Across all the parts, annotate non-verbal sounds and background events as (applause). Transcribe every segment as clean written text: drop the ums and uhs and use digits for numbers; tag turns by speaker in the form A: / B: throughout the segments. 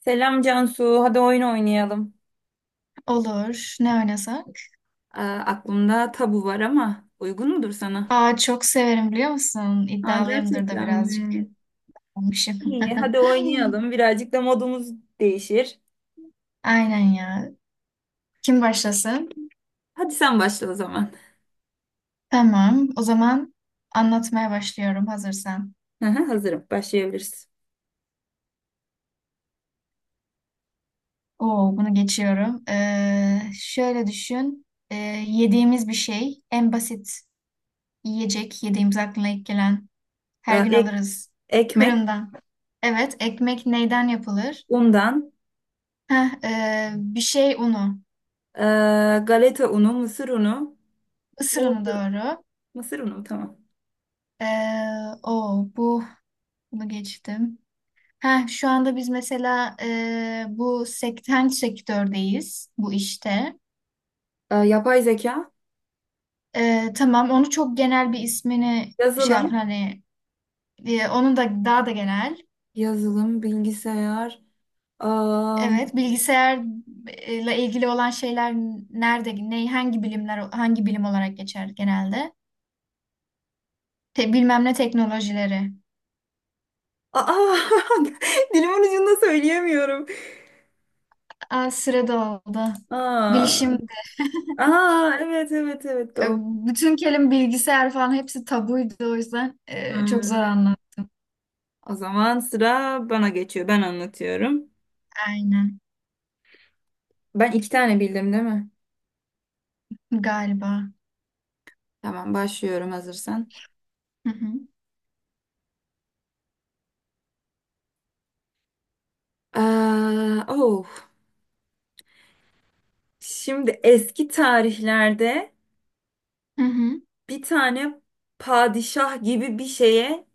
A: Selam Cansu, hadi oyun oynayalım.
B: Olur. Ne oynasak?
A: Aa, aklımda tabu var ama uygun mudur sana?
B: Aa, çok severim biliyor musun?
A: Aa,
B: İddialıyımdır da
A: gerçekten
B: birazcık
A: mi?
B: olmuşum.
A: İyi, hadi oynayalım.
B: (laughs)
A: Birazcık da modumuz değişir.
B: Aynen ya. Kim başlasın?
A: Hadi sen başla o zaman.
B: Tamam. O zaman anlatmaya başlıyorum hazırsan.
A: Aha, hazırım, başlayabiliriz.
B: Oo, bunu geçiyorum. Şöyle düşün. Yediğimiz bir şey. En basit yiyecek. Yediğimiz aklına ilk gelen. Her
A: Ee,
B: gün
A: ek,
B: alırız.
A: ekmek,
B: Fırından. Evet. Ekmek neyden yapılır?
A: undan,
B: Heh, bir şey unu.
A: ee, galeta unu, mısır unu,
B: Isır unu
A: buğday,
B: doğru.
A: mısır unu mu? Tamam.
B: Ee, o bu bunu geçtim. Ha, şu anda biz mesela, bu sektördeyiz bu işte.
A: Yapay zeka,
B: Tamam onu, çok genel bir ismini şey yapın
A: yazılım,
B: hani, onu da daha da genel.
A: yazılım, bilgisayar. Aa,
B: Evet, bilgisayarla ilgili olan şeyler nerede, ne, hangi bilimler, hangi bilim olarak geçer genelde? Bilmem ne teknolojileri.
A: aa, (laughs) Dilimin ucunda söyleyemiyorum.
B: Aa, sırada oldu.
A: Aa,
B: Bilişim.
A: aa evet evet evet
B: E,
A: doğru.
B: Bütün kelime bilgisayar falan hepsi tabuydu, o yüzden
A: Ha,
B: çok zor anladım.
A: o zaman sıra bana geçiyor. Ben anlatıyorum.
B: Aynen
A: Ben iki tane bildim değil mi?
B: galiba.
A: Tamam başlıyorum hazırsan.
B: Hı hı.
A: Oh. Şimdi eski tarihlerde
B: Hı hı.
A: bir tane padişah gibi bir şeye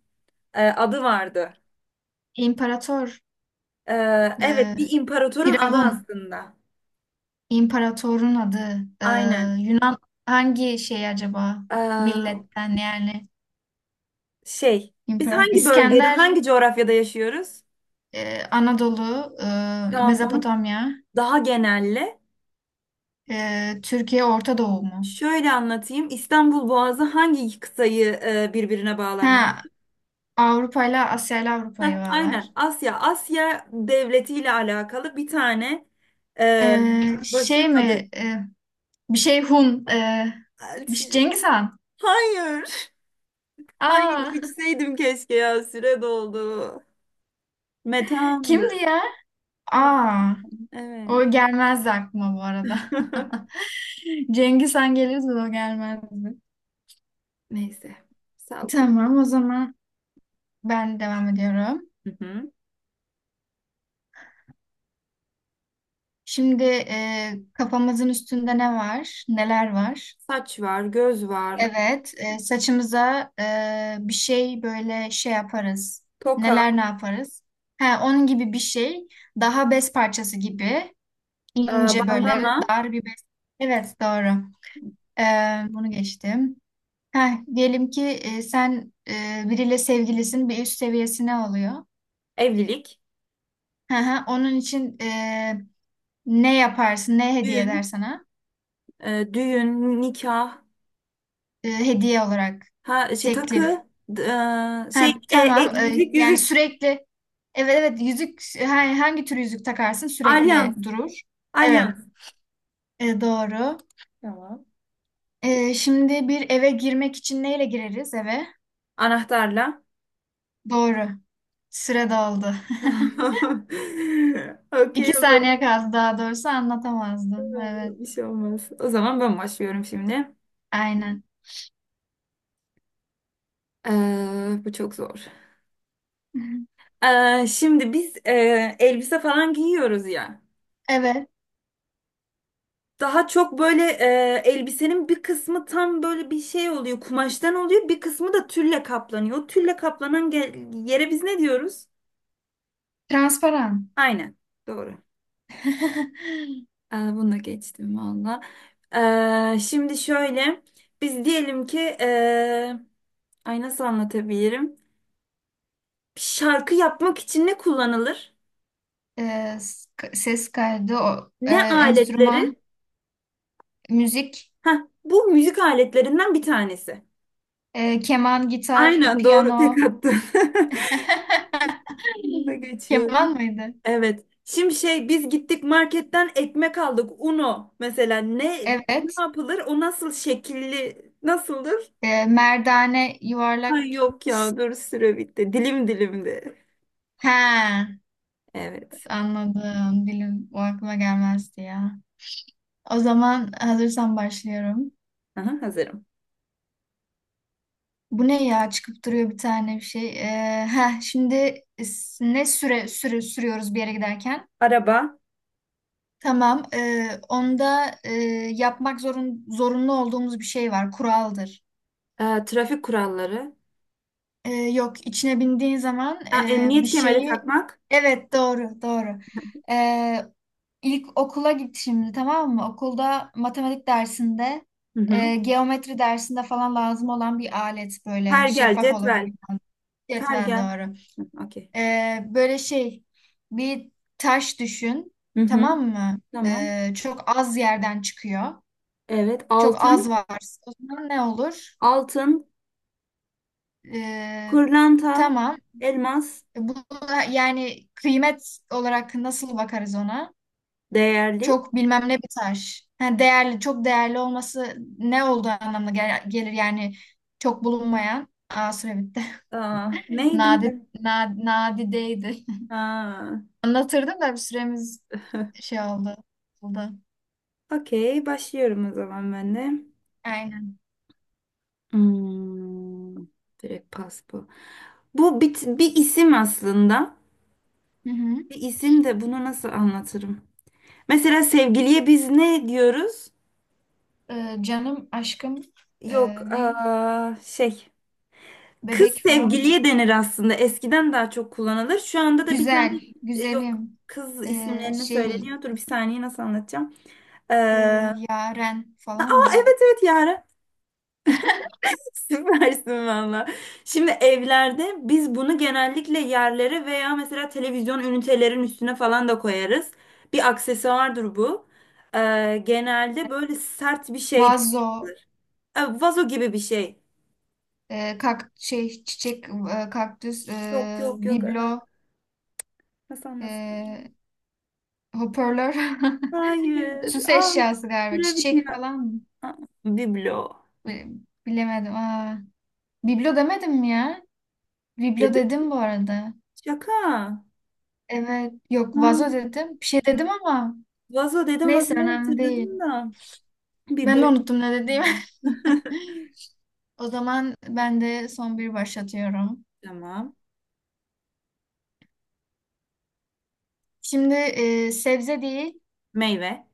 A: adı vardı.
B: İmparator,
A: E, evet bir
B: e,
A: imparatorun adı
B: Firavun,
A: aslında.
B: imparatorun adı, e,
A: Aynen.
B: Yunan hangi şey acaba,
A: Aa,
B: milletten yani?
A: şey, biz
B: İmparator.
A: hangi bölgede,
B: İskender,
A: hangi coğrafyada yaşıyoruz?
B: Anadolu,
A: Tamam, onu
B: Mezopotamya,
A: daha genelle.
B: Türkiye, Orta Doğu mu?
A: Şöyle anlatayım. İstanbul Boğazı hangi iki kıtayı birbirine bağlar mesela?
B: Ha, Avrupa ile Asya ile
A: Heh,
B: Avrupa'yı bağlar.
A: aynen. Asya. Asya devletiyle alakalı bir tane
B: E,
A: e, başın
B: şey
A: adı.
B: mi? Bir şey Hun. Bir şey,
A: Hayır.
B: Cengiz Han.
A: Ay,
B: Aa,
A: geçseydim keşke ya. Süre doldu.
B: (laughs) kimdi
A: Metandı.
B: ya?
A: Met-
B: Aa,
A: Evet.
B: o gelmezdi aklıma bu arada.
A: (laughs)
B: (laughs) Cengiz Han gelirdi de o gelmezdi.
A: Neyse. Salko.
B: Tamam, o zaman ben devam ediyorum.
A: Hı hı.
B: Şimdi kafamızın üstünde ne var? Neler var?
A: Saç var, göz var,
B: Evet, saçımıza bir şey, böyle şey yaparız. Neler,
A: toka,
B: ne yaparız? Ha, onun gibi bir şey. Daha bez parçası gibi. İnce, böyle
A: bandana,
B: dar bir bez. Evet, doğru. Ee, bunu geçtim. Heh, diyelim ki sen biriyle sevgilisin, bir üst seviyesine oluyor.
A: evlilik,
B: Hı hı, onun için ne yaparsın, ne hediye eder
A: düğün,
B: sana?
A: nikah.
B: Hediye olarak
A: Ha, şey,
B: teklif.
A: takı,
B: Ha,
A: şey,
B: tamam. E,
A: yüzük,
B: yani
A: yüzük,
B: sürekli, evet evet yüzük, hangi tür yüzük takarsın
A: alyans,
B: sürekli durur. Evet.
A: alyans.
B: Doğru.
A: Tamam.
B: Şimdi bir eve girmek için neyle gireriz eve?
A: Anahtarla.
B: Doğru. Süre doldu. (laughs)
A: (laughs) Okey,
B: İki
A: o
B: saniye
A: zaman.
B: kaldı, daha doğrusu anlatamazdım. Evet.
A: Bir şey olmaz. O zaman ben başlıyorum şimdi.
B: Aynen.
A: Bu çok zor.
B: (laughs)
A: Şimdi biz elbise falan giyiyoruz ya.
B: Evet.
A: Daha çok böyle elbisenin bir kısmı tam böyle bir şey oluyor, kumaştan oluyor. Bir kısmı da tülle kaplanıyor. O tülle kaplanan yere biz ne diyoruz?
B: Transparan.
A: Aynen. Doğru.
B: (laughs)
A: Bunu geçtim valla. Şimdi şöyle, biz diyelim ki ay, nasıl anlatabilirim? Şarkı yapmak için ne kullanılır?
B: Ee, s- ses kaydı, o,
A: Ne aletleri?
B: enstrüman, müzik,
A: Heh, bu müzik aletlerinden bir tanesi.
B: keman, gitar,
A: Aynen, doğru,
B: piyano.
A: tek attın.
B: (laughs)
A: (laughs) Bunu da
B: Keman
A: geçiyorum.
B: mıydı?
A: Evet. Şimdi şey, biz gittik marketten ekmek aldık. Uno mesela, ne
B: Evet.
A: yapılır? O nasıl şekilli, nasıldır?
B: Merdane, yuvarlak.
A: Ay, yok ya, dur, süre bitti. Dilim dilimdi.
B: He,
A: Evet.
B: anladım. Dilim, o aklıma gelmezdi ya. O zaman hazırsan başlıyorum.
A: Aha, hazırım.
B: Bu ne ya, çıkıp duruyor bir tane bir şey. Şimdi e, s- ne süre süre sürüyoruz bir yere giderken?
A: Araba.
B: Tamam. Onda yapmak zorunlu olduğumuz bir şey var. Kuraldır.
A: Trafik kuralları.
B: Yok, içine bindiğin zaman
A: Ha,
B: bir
A: emniyet kemeri
B: şeyi...
A: takmak.
B: Evet, doğru doğru. Ee, İlk okula git şimdi, tamam mı? Okulda matematik dersinde,
A: Hı hı.
B: geometri dersinde falan lazım olan bir alet, böyle
A: Pergel,
B: şeffaf olur. Da
A: cetvel.
B: güzel. Cetvel,
A: Pergel.
B: doğru.
A: Okey.
B: Böyle şey, bir taş düşün,
A: Hı hı.
B: tamam mı?
A: Tamam.
B: Çok az yerden çıkıyor.
A: Evet.
B: Çok az
A: Altın.
B: var. O zaman ne olur?
A: Altın.
B: Ee,
A: Pırlanta.
B: tamam.
A: Elmas.
B: Bu da, yani kıymet olarak nasıl bakarız ona?
A: Değerli.
B: Çok bilmem ne bir taş. Ha, değerli, çok değerli olması ne olduğu anlamına gelir, yani çok bulunmayan. Aa, süre bitti. (laughs)
A: Neydi
B: Nadi,
A: mi?
B: nadideydi.
A: Ha.
B: (laughs) Anlatırdım da bir süremiz şey oldu.
A: Okey. Başlıyorum o zaman ben de.
B: Aynen.
A: Hmm, direkt pas bu. Bu bir isim aslında.
B: Hı hı.
A: Bir isim de, bunu nasıl anlatırım? Mesela sevgiliye biz ne diyoruz?
B: Canım, aşkım, e,
A: Yok,
B: ne?
A: şey. Kız
B: Bebek falan mı?
A: sevgiliye denir aslında. Eskiden daha çok kullanılır. Şu anda da bir tane
B: Güzel,
A: yok,
B: güzelim,
A: kız isimlerini
B: şey,
A: söyleniyor. Dur bir saniye, nasıl anlatacağım?
B: e,
A: Aa
B: yaren falan mı?
A: evet evet Yara. (laughs) Süpersin valla. Şimdi evlerde biz bunu genellikle yerlere veya mesela televizyon ünitelerin üstüne falan da koyarız. Bir aksesuardır bu. Genelde böyle sert bir şey.
B: Vazo,
A: Vazo gibi bir şey.
B: şey, çiçek, kaktüs,
A: Yok, yok, yok. Ee,
B: biblo,
A: Hasan nasıl anlasın?
B: e, hoparlör, (laughs)
A: Hayır.
B: süs
A: Al.
B: eşyası galiba,
A: Süre
B: çiçek
A: bitiyor.
B: falan mı?
A: Aa, Biblo.
B: Bi- Bilemedim. Aa, biblo demedim mi ya? Biblo
A: Dedim.
B: dedim bu arada.
A: Şaka.
B: Evet, yok
A: Ha,
B: vazo dedim. Bir şey dedim ama
A: vazo dedim,
B: neyse,
A: vazoyu
B: önemli değil.
A: hatırladım da.
B: Ben de
A: Bibloyu.
B: unuttum ne dediğimi.
A: (laughs)
B: (laughs) O zaman ben de son bir başlatıyorum.
A: Tamam.
B: Şimdi sebze değil,
A: Meyve.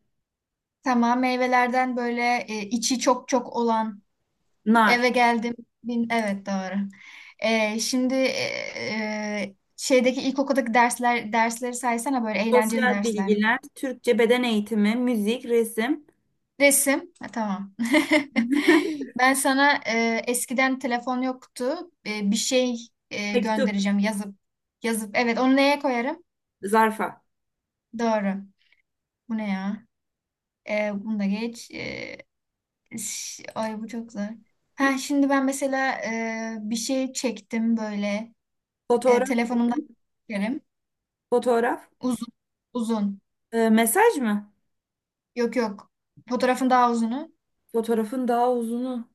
B: tamam meyvelerden, böyle içi çok çok olan
A: Nar.
B: eve geldim. Bin, evet doğru. Şimdi e, e, şeydeki ilkokuldaki dersleri saysana, böyle eğlenceli
A: Sosyal
B: dersler.
A: bilgiler. Türkçe, beden eğitimi. Müzik. Resim.
B: Resim, ha, tamam. (laughs)
A: (laughs)
B: Ben sana eskiden telefon yoktu. Bir şey
A: Mektup.
B: göndereceğim, yazıp yazıp. Evet, onu neye koyarım?
A: Zarfa.
B: Doğru. Bu ne ya? Bunu da geç. Ay bu çok zor. Ha, şimdi ben mesela bir şey çektim böyle. E,
A: Fotoğraf.
B: telefonumdan çekerim.
A: Fotoğraf.
B: Uzun. Uzun.
A: Mesaj mı?
B: Yok yok. Fotoğrafın daha uzunu.
A: Fotoğrafın daha uzunu.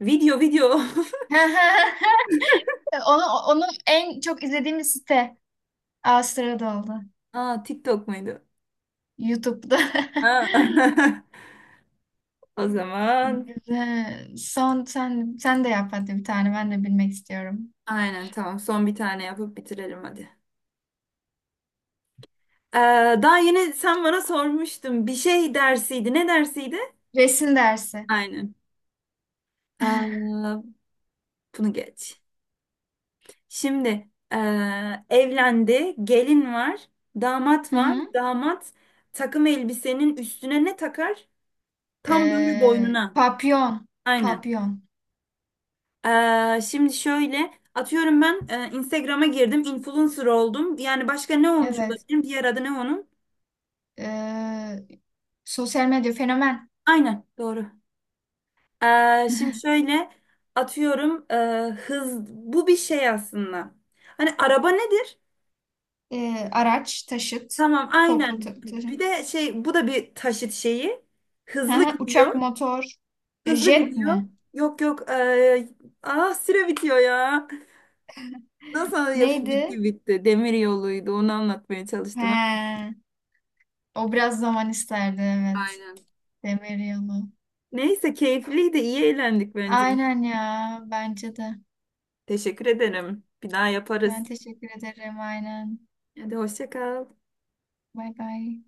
A: Video, video.
B: (laughs) Onu, onu en çok izlediğimiz site. Aa, sırada oldu.
A: (laughs) TikTok muydu?
B: YouTube'da. (laughs)
A: Ha. (laughs) O zaman.
B: Güzel. Son sen de yap hadi bir tane, ben de bilmek istiyorum.
A: Aynen, tamam. Son bir tane yapıp bitirelim hadi. Ee, daha yeni sen bana sormuştun. Bir şey dersiydi. Ne dersiydi?
B: Resim dersi.
A: Aynen. Ee, bunu geç. Şimdi evlendi. Gelin var. Damat
B: Hı
A: var.
B: hı.
A: Damat takım elbisenin üstüne ne takar? Tam böyle
B: Ee,
A: boynuna.
B: papyon.
A: Aynen.
B: Papyon.
A: Şimdi şöyle, atıyorum ben, Instagram'a girdim. Influencer oldum. Yani, başka ne olmuş
B: Evet.
A: olabilirim? Diğer adı ne onun?
B: Ee, sosyal medya fenomen.
A: Aynen. Doğru. Şimdi şöyle, atıyorum hız, bu bir şey aslında. Hani araba nedir?
B: Araç, taşıt,
A: Tamam,
B: toplu
A: aynen. Bir
B: taşım.
A: de şey, bu da bir taşıt şeyi.
B: Hı
A: Hızlı
B: hı, uçak,
A: gidiyor.
B: motor, E,
A: Hızlı
B: jet
A: gidiyor.
B: mi?
A: Yok, yok. Ah, süre bitiyor ya. Nasıl ya,
B: Neydi?
A: bitti bitti. Demir yoluydu, onu anlatmaya çalıştım.
B: He, o biraz zaman isterdi evet.
A: Aynen.
B: Demir yolu.
A: Neyse, keyifliydi, iyi eğlendik bence.
B: Aynen ya, bence de.
A: Teşekkür ederim. Bir daha yaparız.
B: Ben teşekkür ederim, aynen.
A: Hadi, hoşça kal.
B: Bay bay.